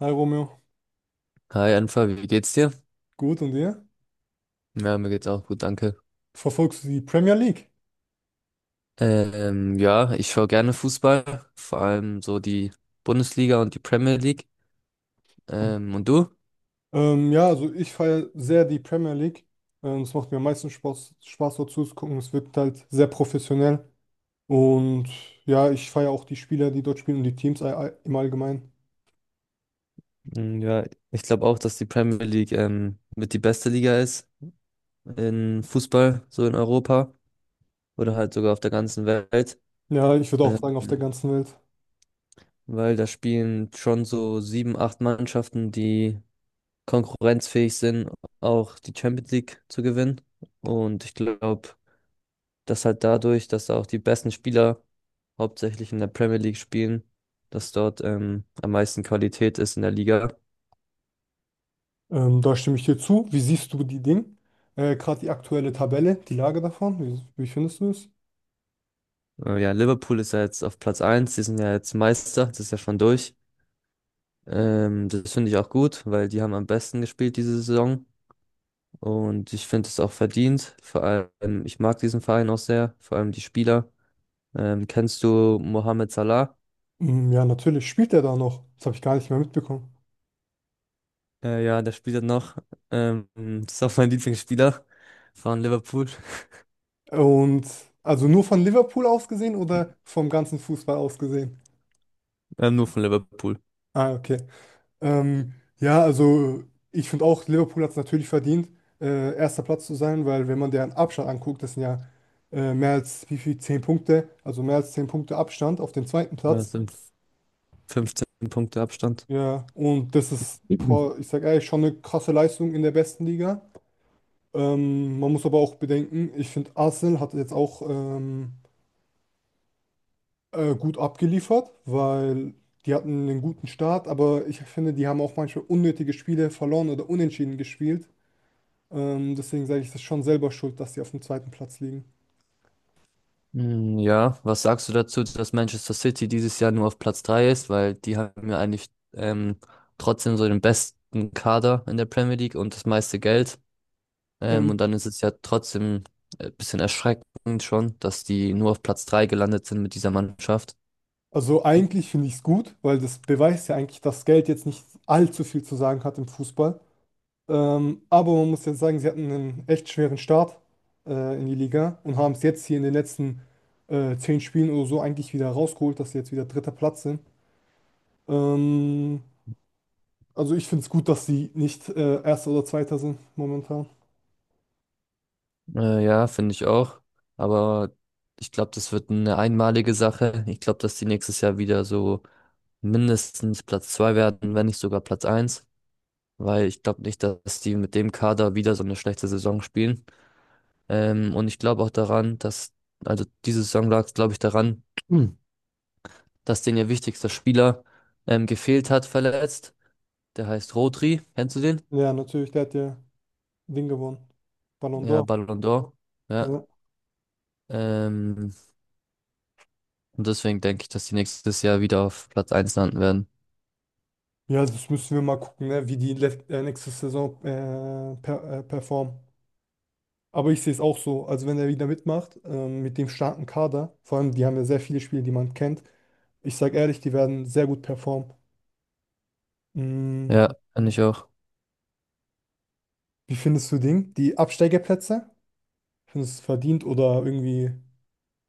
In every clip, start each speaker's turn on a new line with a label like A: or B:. A: Hi Romeo,
B: Hi Anfa, wie geht's dir?
A: gut und dir?
B: Ja, mir geht's auch gut, danke.
A: Verfolgst du die Premier League?
B: Ja, ich schaue gerne Fußball, vor allem so die Bundesliga und die Premier League. Und du?
A: Ja, also ich feiere sehr die Premier League. Es macht mir am meisten Spaß dort zuzugucken. Es wirkt halt sehr professionell. Und ja, ich feiere auch die Spieler, die dort spielen und die Teams im Allgemeinen.
B: Mm, ja, ich glaube auch, dass die Premier League mit die beste Liga ist in Fußball, so in Europa oder halt sogar auf der ganzen Welt,
A: Ja, ich würde auch
B: ähm,
A: sagen, auf der ganzen Welt.
B: weil da spielen schon so sieben, acht Mannschaften, die konkurrenzfähig sind, auch die Champions League zu gewinnen. Und ich glaube, dass halt dadurch, dass da auch die besten Spieler hauptsächlich in der Premier League spielen, dass dort am meisten Qualität ist in der Liga.
A: Da stimme ich dir zu. Wie siehst du die Dinge? Gerade die aktuelle Tabelle, die Lage davon, wie findest du es?
B: Ja, Liverpool ist ja jetzt auf Platz eins. Die sind ja jetzt Meister, das ist ja schon durch. Das finde ich auch gut, weil die haben am besten gespielt diese Saison und ich finde es auch verdient. Vor allem, ich mag diesen Verein auch sehr, vor allem die Spieler. Kennst du Mohamed Salah?
A: Mm, ja, natürlich spielt er da noch. Das habe ich gar nicht mehr mitbekommen.
B: Ja, der spielt ja noch. Ähm, das ist auch mein Lieblingsspieler von Liverpool.
A: Und also nur von Liverpool aus gesehen oder vom ganzen Fußball aus gesehen?
B: Nur von Liverpool.
A: Ah, okay. Ähm, ja, also ich finde auch, Liverpool hat es natürlich verdient, erster Platz zu sein, weil wenn man deren Abstand anguckt, das sind ja mehr als wie viel, zehn Punkte, also mehr als zehn Punkte Abstand auf den zweiten
B: Ja, das
A: Platz.
B: sind 15 Punkte Abstand.
A: Ja, und das ist, boah, ich sag ehrlich, schon eine krasse Leistung in der besten Liga. Man muss aber auch bedenken, ich finde, Arsenal hat jetzt auch gut abgeliefert, weil die hatten einen guten Start, aber ich finde, die haben auch manchmal unnötige Spiele verloren oder unentschieden gespielt. Deswegen sage ich, das ist schon selber schuld, dass sie auf dem zweiten Platz liegen.
B: Mhm. Mm, ja, was sagst du dazu, dass Manchester City dieses Jahr nur auf Platz 3 ist? Weil die haben ja eigentlich trotzdem so den besten Kader in der Premier League und das meiste Geld. Und
A: Ähm,
B: dann ist es ja trotzdem ein bisschen erschreckend schon, dass die nur auf Platz 3 gelandet sind mit dieser Mannschaft.
A: also eigentlich finde ich es gut, weil das beweist ja eigentlich, dass Geld jetzt nicht allzu viel zu sagen hat im Fußball. Aber man muss jetzt sagen, sie hatten einen echt schweren Start in die Liga und haben es jetzt hier in den letzten zehn Spielen oder so eigentlich wieder rausgeholt, dass sie jetzt wieder dritter Platz sind. Ähm, Also ich finde es gut, dass sie nicht Erster oder Zweiter sind momentan.
B: Ja, finde ich auch. Aber ich glaube, das wird eine einmalige Sache. Ich glaube, dass die nächstes Jahr wieder so mindestens Platz 2 werden, wenn nicht sogar Platz eins, weil ich glaube nicht, dass die mit dem Kader wieder so eine schlechte Saison spielen. Und ich glaube auch daran, dass, also diese Saison lag es, glaube ich, daran, Hm. dass denen ihr wichtigster Spieler gefehlt hat, verletzt. Der heißt Rodri. Kennst du den?
A: Ja, natürlich, der hat ja Ding gewonnen. Ballon
B: Ja,
A: d'Or.
B: Ballon d'Or. Ja.
A: Ja.
B: Ähm, und deswegen denke ich, dass die nächstes Jahr wieder auf Platz eins landen werden.
A: Ja, das müssen wir mal gucken, ne, wie die nächste Saison performen. Aber ich sehe es auch so. Also wenn er wieder mitmacht, mit dem starken Kader, vor allem die haben ja sehr viele Spiele, die man kennt. Ich sage ehrlich, die werden sehr gut performen. Mm,
B: Ja, finde ich auch.
A: wie findest du Ding? Die Absteigerplätze? Findest du es verdient oder irgendwie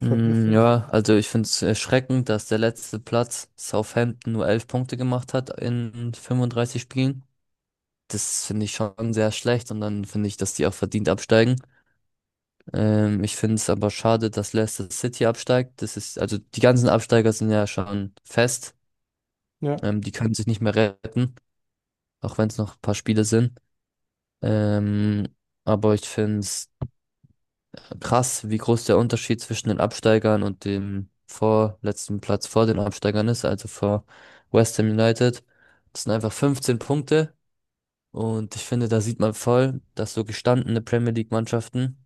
B: Mm, ja, also ich finde es erschreckend, dass der letzte Platz Southampton nur 11 Punkte gemacht hat in 35 Spielen. Das finde ich schon sehr schlecht und dann finde ich, dass die auch verdient absteigen. Ich finde es aber schade, dass Leicester City absteigt. Das ist, also die ganzen Absteiger sind ja schon fest.
A: Ja.
B: Die können sich nicht mehr retten, auch wenn es noch ein paar Spiele sind. Ähm, aber ich finde es krass, wie groß der Unterschied zwischen den Absteigern und dem vorletzten Platz vor den Absteigern ist, also vor West Ham United. Das sind einfach 15 Punkte und ich finde, da sieht man voll, dass so gestandene Premier League Mannschaften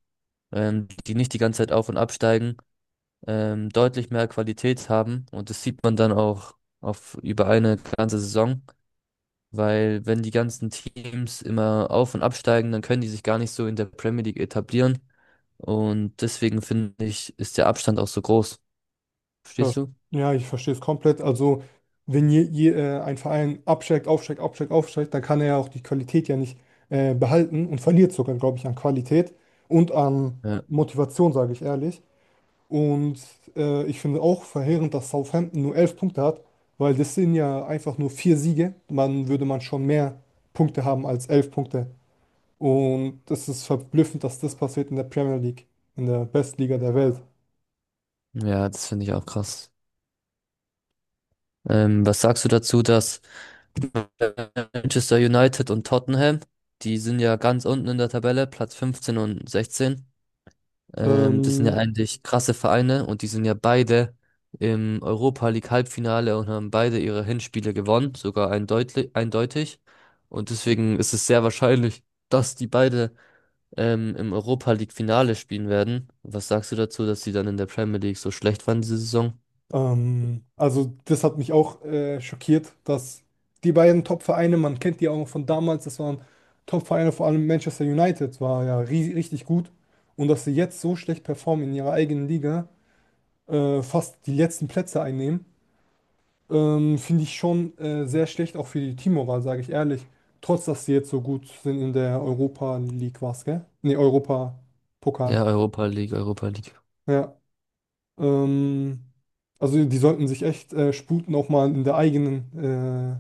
B: die nicht die ganze Zeit auf und absteigen, deutlich mehr Qualität haben. Und das sieht man dann auch auf über eine ganze Saison, weil wenn die ganzen Teams immer auf und absteigen, dann können die sich gar nicht so in der Premier League etablieren. Und deswegen finde ich, ist der Abstand auch so groß. Verstehst
A: Das,
B: du?
A: ja, ich verstehe es komplett. Also, wenn ein Verein absteigt, aufsteigt, dann kann er ja auch die Qualität ja nicht behalten und verliert sogar, glaube ich, an Qualität und an
B: Ja,
A: Motivation, sage ich ehrlich. Und ich finde auch verheerend, dass Southampton nur elf Punkte hat, weil das sind ja einfach nur vier Siege. Man würde man schon mehr Punkte haben als elf Punkte. Und es ist verblüffend, dass das passiert in der Premier League, in der besten Liga der Welt.
B: ja, das finde ich auch krass. Was sagst du dazu, dass Manchester United und Tottenham, die sind ja ganz unten in der Tabelle, Platz 15 und 16. Das sind ja
A: Ähm,
B: eigentlich krasse Vereine und die sind ja beide im Europa League Halbfinale und haben beide ihre Hinspiele gewonnen, sogar eindeutig. Und deswegen ist es sehr wahrscheinlich, dass die beide im Europa League Finale spielen werden. Was sagst du dazu, dass sie dann in der Premier League so schlecht waren diese Saison?
A: Also das hat mich auch schockiert, dass die beiden Top-Vereine, man kennt die auch von damals, das waren Top-Vereine, vor allem Manchester United war ja richtig gut. Und dass sie jetzt so schlecht performen in ihrer eigenen Liga, fast die letzten Plätze einnehmen, finde ich schon sehr schlecht, auch für die Teammoral, sage ich ehrlich. Trotz, dass sie jetzt so gut sind in der Europa League, was, gell? Nee, Europa-Pokal.
B: Ja, Europa League.
A: Ja. Ähm, also die sollten sich echt sputen, auch mal in der eigenen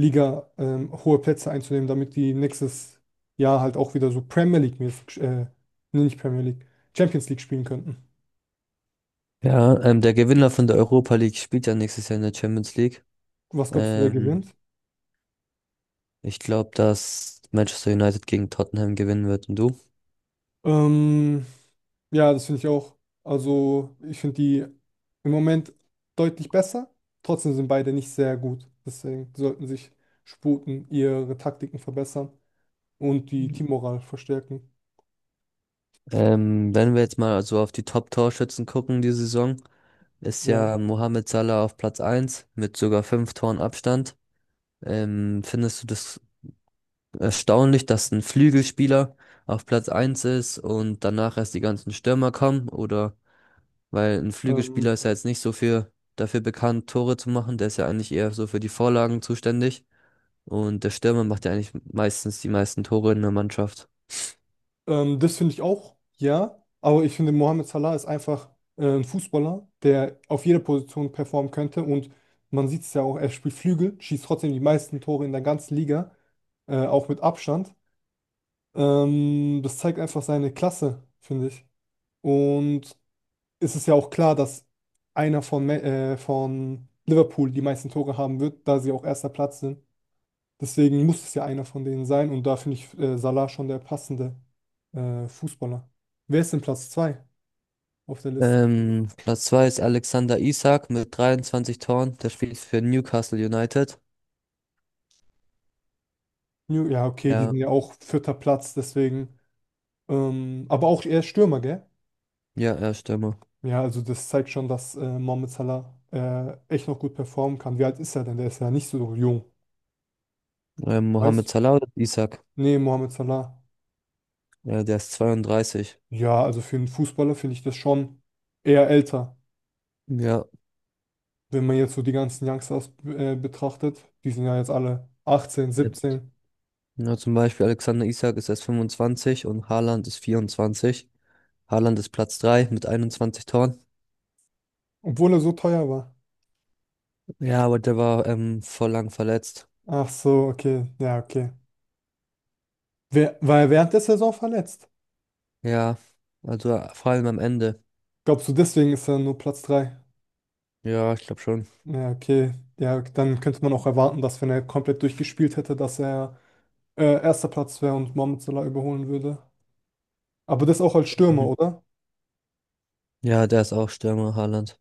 A: Liga hohe Plätze einzunehmen, damit die nächstes Jahr halt auch wieder so Premier League-mäßig, nee, nicht Premier League, Champions League spielen könnten.
B: Ja, der Gewinner von der Europa League spielt ja nächstes Jahr in der Champions League.
A: Was glaubst du, wer
B: Ähm,
A: gewinnt?
B: ich glaube, dass Manchester United gegen Tottenham gewinnen wird. Und du?
A: Ähm, ja, das finde ich auch. Also ich finde die im Moment deutlich besser. Trotzdem sind beide nicht sehr gut. Deswegen sollten sich sputen, ihre Taktiken verbessern und die Teammoral verstärken.
B: Wenn wir jetzt mal so auf die Top-Torschützen gucken, die Saison, ist
A: Ja.
B: ja Mohamed Salah auf Platz eins mit sogar 5 Toren Abstand. Findest du das erstaunlich, dass ein Flügelspieler auf Platz eins ist und danach erst die ganzen Stürmer kommen? Oder weil ein
A: Ähm,
B: Flügelspieler ist ja jetzt nicht so für dafür bekannt, Tore zu machen, der ist ja eigentlich eher so für die Vorlagen zuständig. Und der Stürmer macht ja eigentlich meistens die meisten Tore in der Mannschaft.
A: Das finde ich auch, ja. Aber ich finde, Mohamed Salah ist einfach ein Fußballer, der auf jeder Position performen könnte. Und man sieht es ja auch, er spielt Flügel, schießt trotzdem die meisten Tore in der ganzen Liga, auch mit Abstand. Das zeigt einfach seine Klasse, finde ich. Und es ist ja auch klar, dass einer von Liverpool die meisten Tore haben wird, da sie auch erster Platz sind. Deswegen muss es ja einer von denen sein und da finde ich Salah schon der passende Fußballer. Wer ist denn Platz 2 auf der Liste?
B: Platz 2 ist Alexander Isak mit 23 Toren. Der spielt für Newcastle United.
A: New, ja, okay, die
B: Ja,
A: sind ja auch vierter Platz, deswegen. Aber auch eher Stürmer, gell?
B: ja, er ist Stürmer.
A: Ja, also das zeigt schon, dass Mohamed Salah echt noch gut performen kann. Wie alt ist er denn? Der ist ja nicht so jung. Weißt
B: Mohamed
A: du?
B: Salah oder Isak.
A: Nee, Mohamed Salah.
B: Ja, der ist 32.
A: Ja, also für einen Fußballer finde ich das schon eher älter.
B: Ja.
A: Wenn man jetzt so die ganzen Youngsters betrachtet, die sind ja jetzt alle 18,
B: Ja,
A: 17.
B: Ja, zum Beispiel Alexander Isak ist erst 25 und Haaland ist 24. Haaland ist Platz 3 mit 21 Toren.
A: Obwohl er so teuer war.
B: Ja, aber der war voll lang verletzt.
A: Ach so, okay. Ja, okay. Wer, war er während der Saison verletzt?
B: Ja, also vor allem am Ende.
A: Glaubst du, deswegen ist er nur Platz 3?
B: Ja, ich glaube schon.
A: Ja, okay. Ja, dann könnte man auch erwarten, dass wenn er komplett durchgespielt hätte, dass er erster Platz wäre und Mohamed Salah überholen würde. Aber das auch als Stürmer,
B: Mhm.
A: oder?
B: Ja, der ist auch Stürmer, Haaland.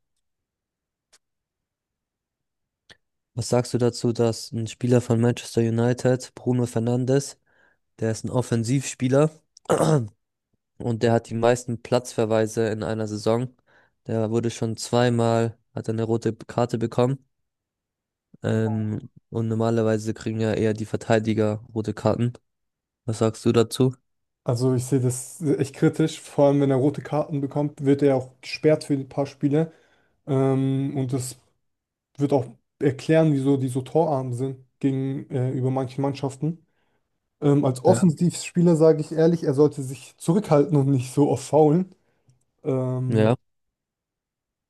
B: Was sagst du dazu, dass ein Spieler von Manchester United, Bruno Fernandes, der ist ein Offensivspieler und der hat die meisten Platzverweise in einer Saison. Der wurde schon zweimal, hat er eine rote Karte bekommen. Und normalerweise kriegen ja eher die Verteidiger rote Karten. Was sagst du dazu?
A: Also ich sehe das echt kritisch. Vor allem, wenn er rote Karten bekommt, wird er auch gesperrt für ein paar Spiele. Und das wird auch erklären, wieso die so torarm sind gegenüber manchen Mannschaften. Als
B: Ja.
A: Offensivspieler sage ich ehrlich, er sollte sich zurückhalten und nicht so oft faulen. Ähm,
B: Ja,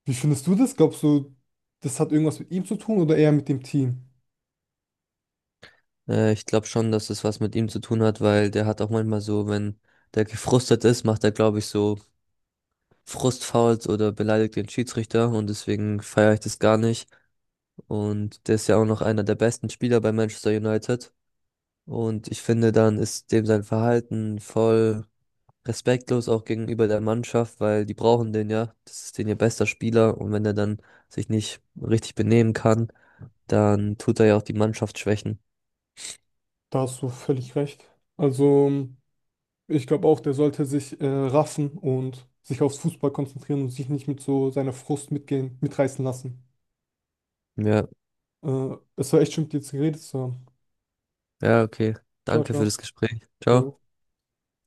A: Wie findest du das? Glaubst du, das hat irgendwas mit ihm zu tun oder eher mit dem Team?
B: ich glaube schon, dass es was mit ihm zu tun hat, weil der hat auch manchmal so, wenn der gefrustet ist, macht er, glaube ich, so Frustfouls oder beleidigt den Schiedsrichter und deswegen feiere ich das gar nicht. Und der ist ja auch noch einer der besten Spieler bei Manchester United. Und ich finde, dann ist dem sein Verhalten voll respektlos auch gegenüber der Mannschaft, weil die brauchen den ja. Das ist den ihr bester Spieler. Und wenn er dann sich nicht richtig benehmen kann, dann tut er ja auch die Mannschaft schwächen.
A: Da hast du völlig recht. Also, ich glaube auch, der sollte sich raffen und sich aufs Fußball konzentrieren und sich nicht mit so seiner Frust mitgehen, mitreißen lassen.
B: Ja,
A: Es war echt schön, mit dir zu geredet zu haben.
B: ja, okay.
A: Ciao,
B: Danke für
A: ciao.
B: das Gespräch.
A: Jo.
B: Ciao.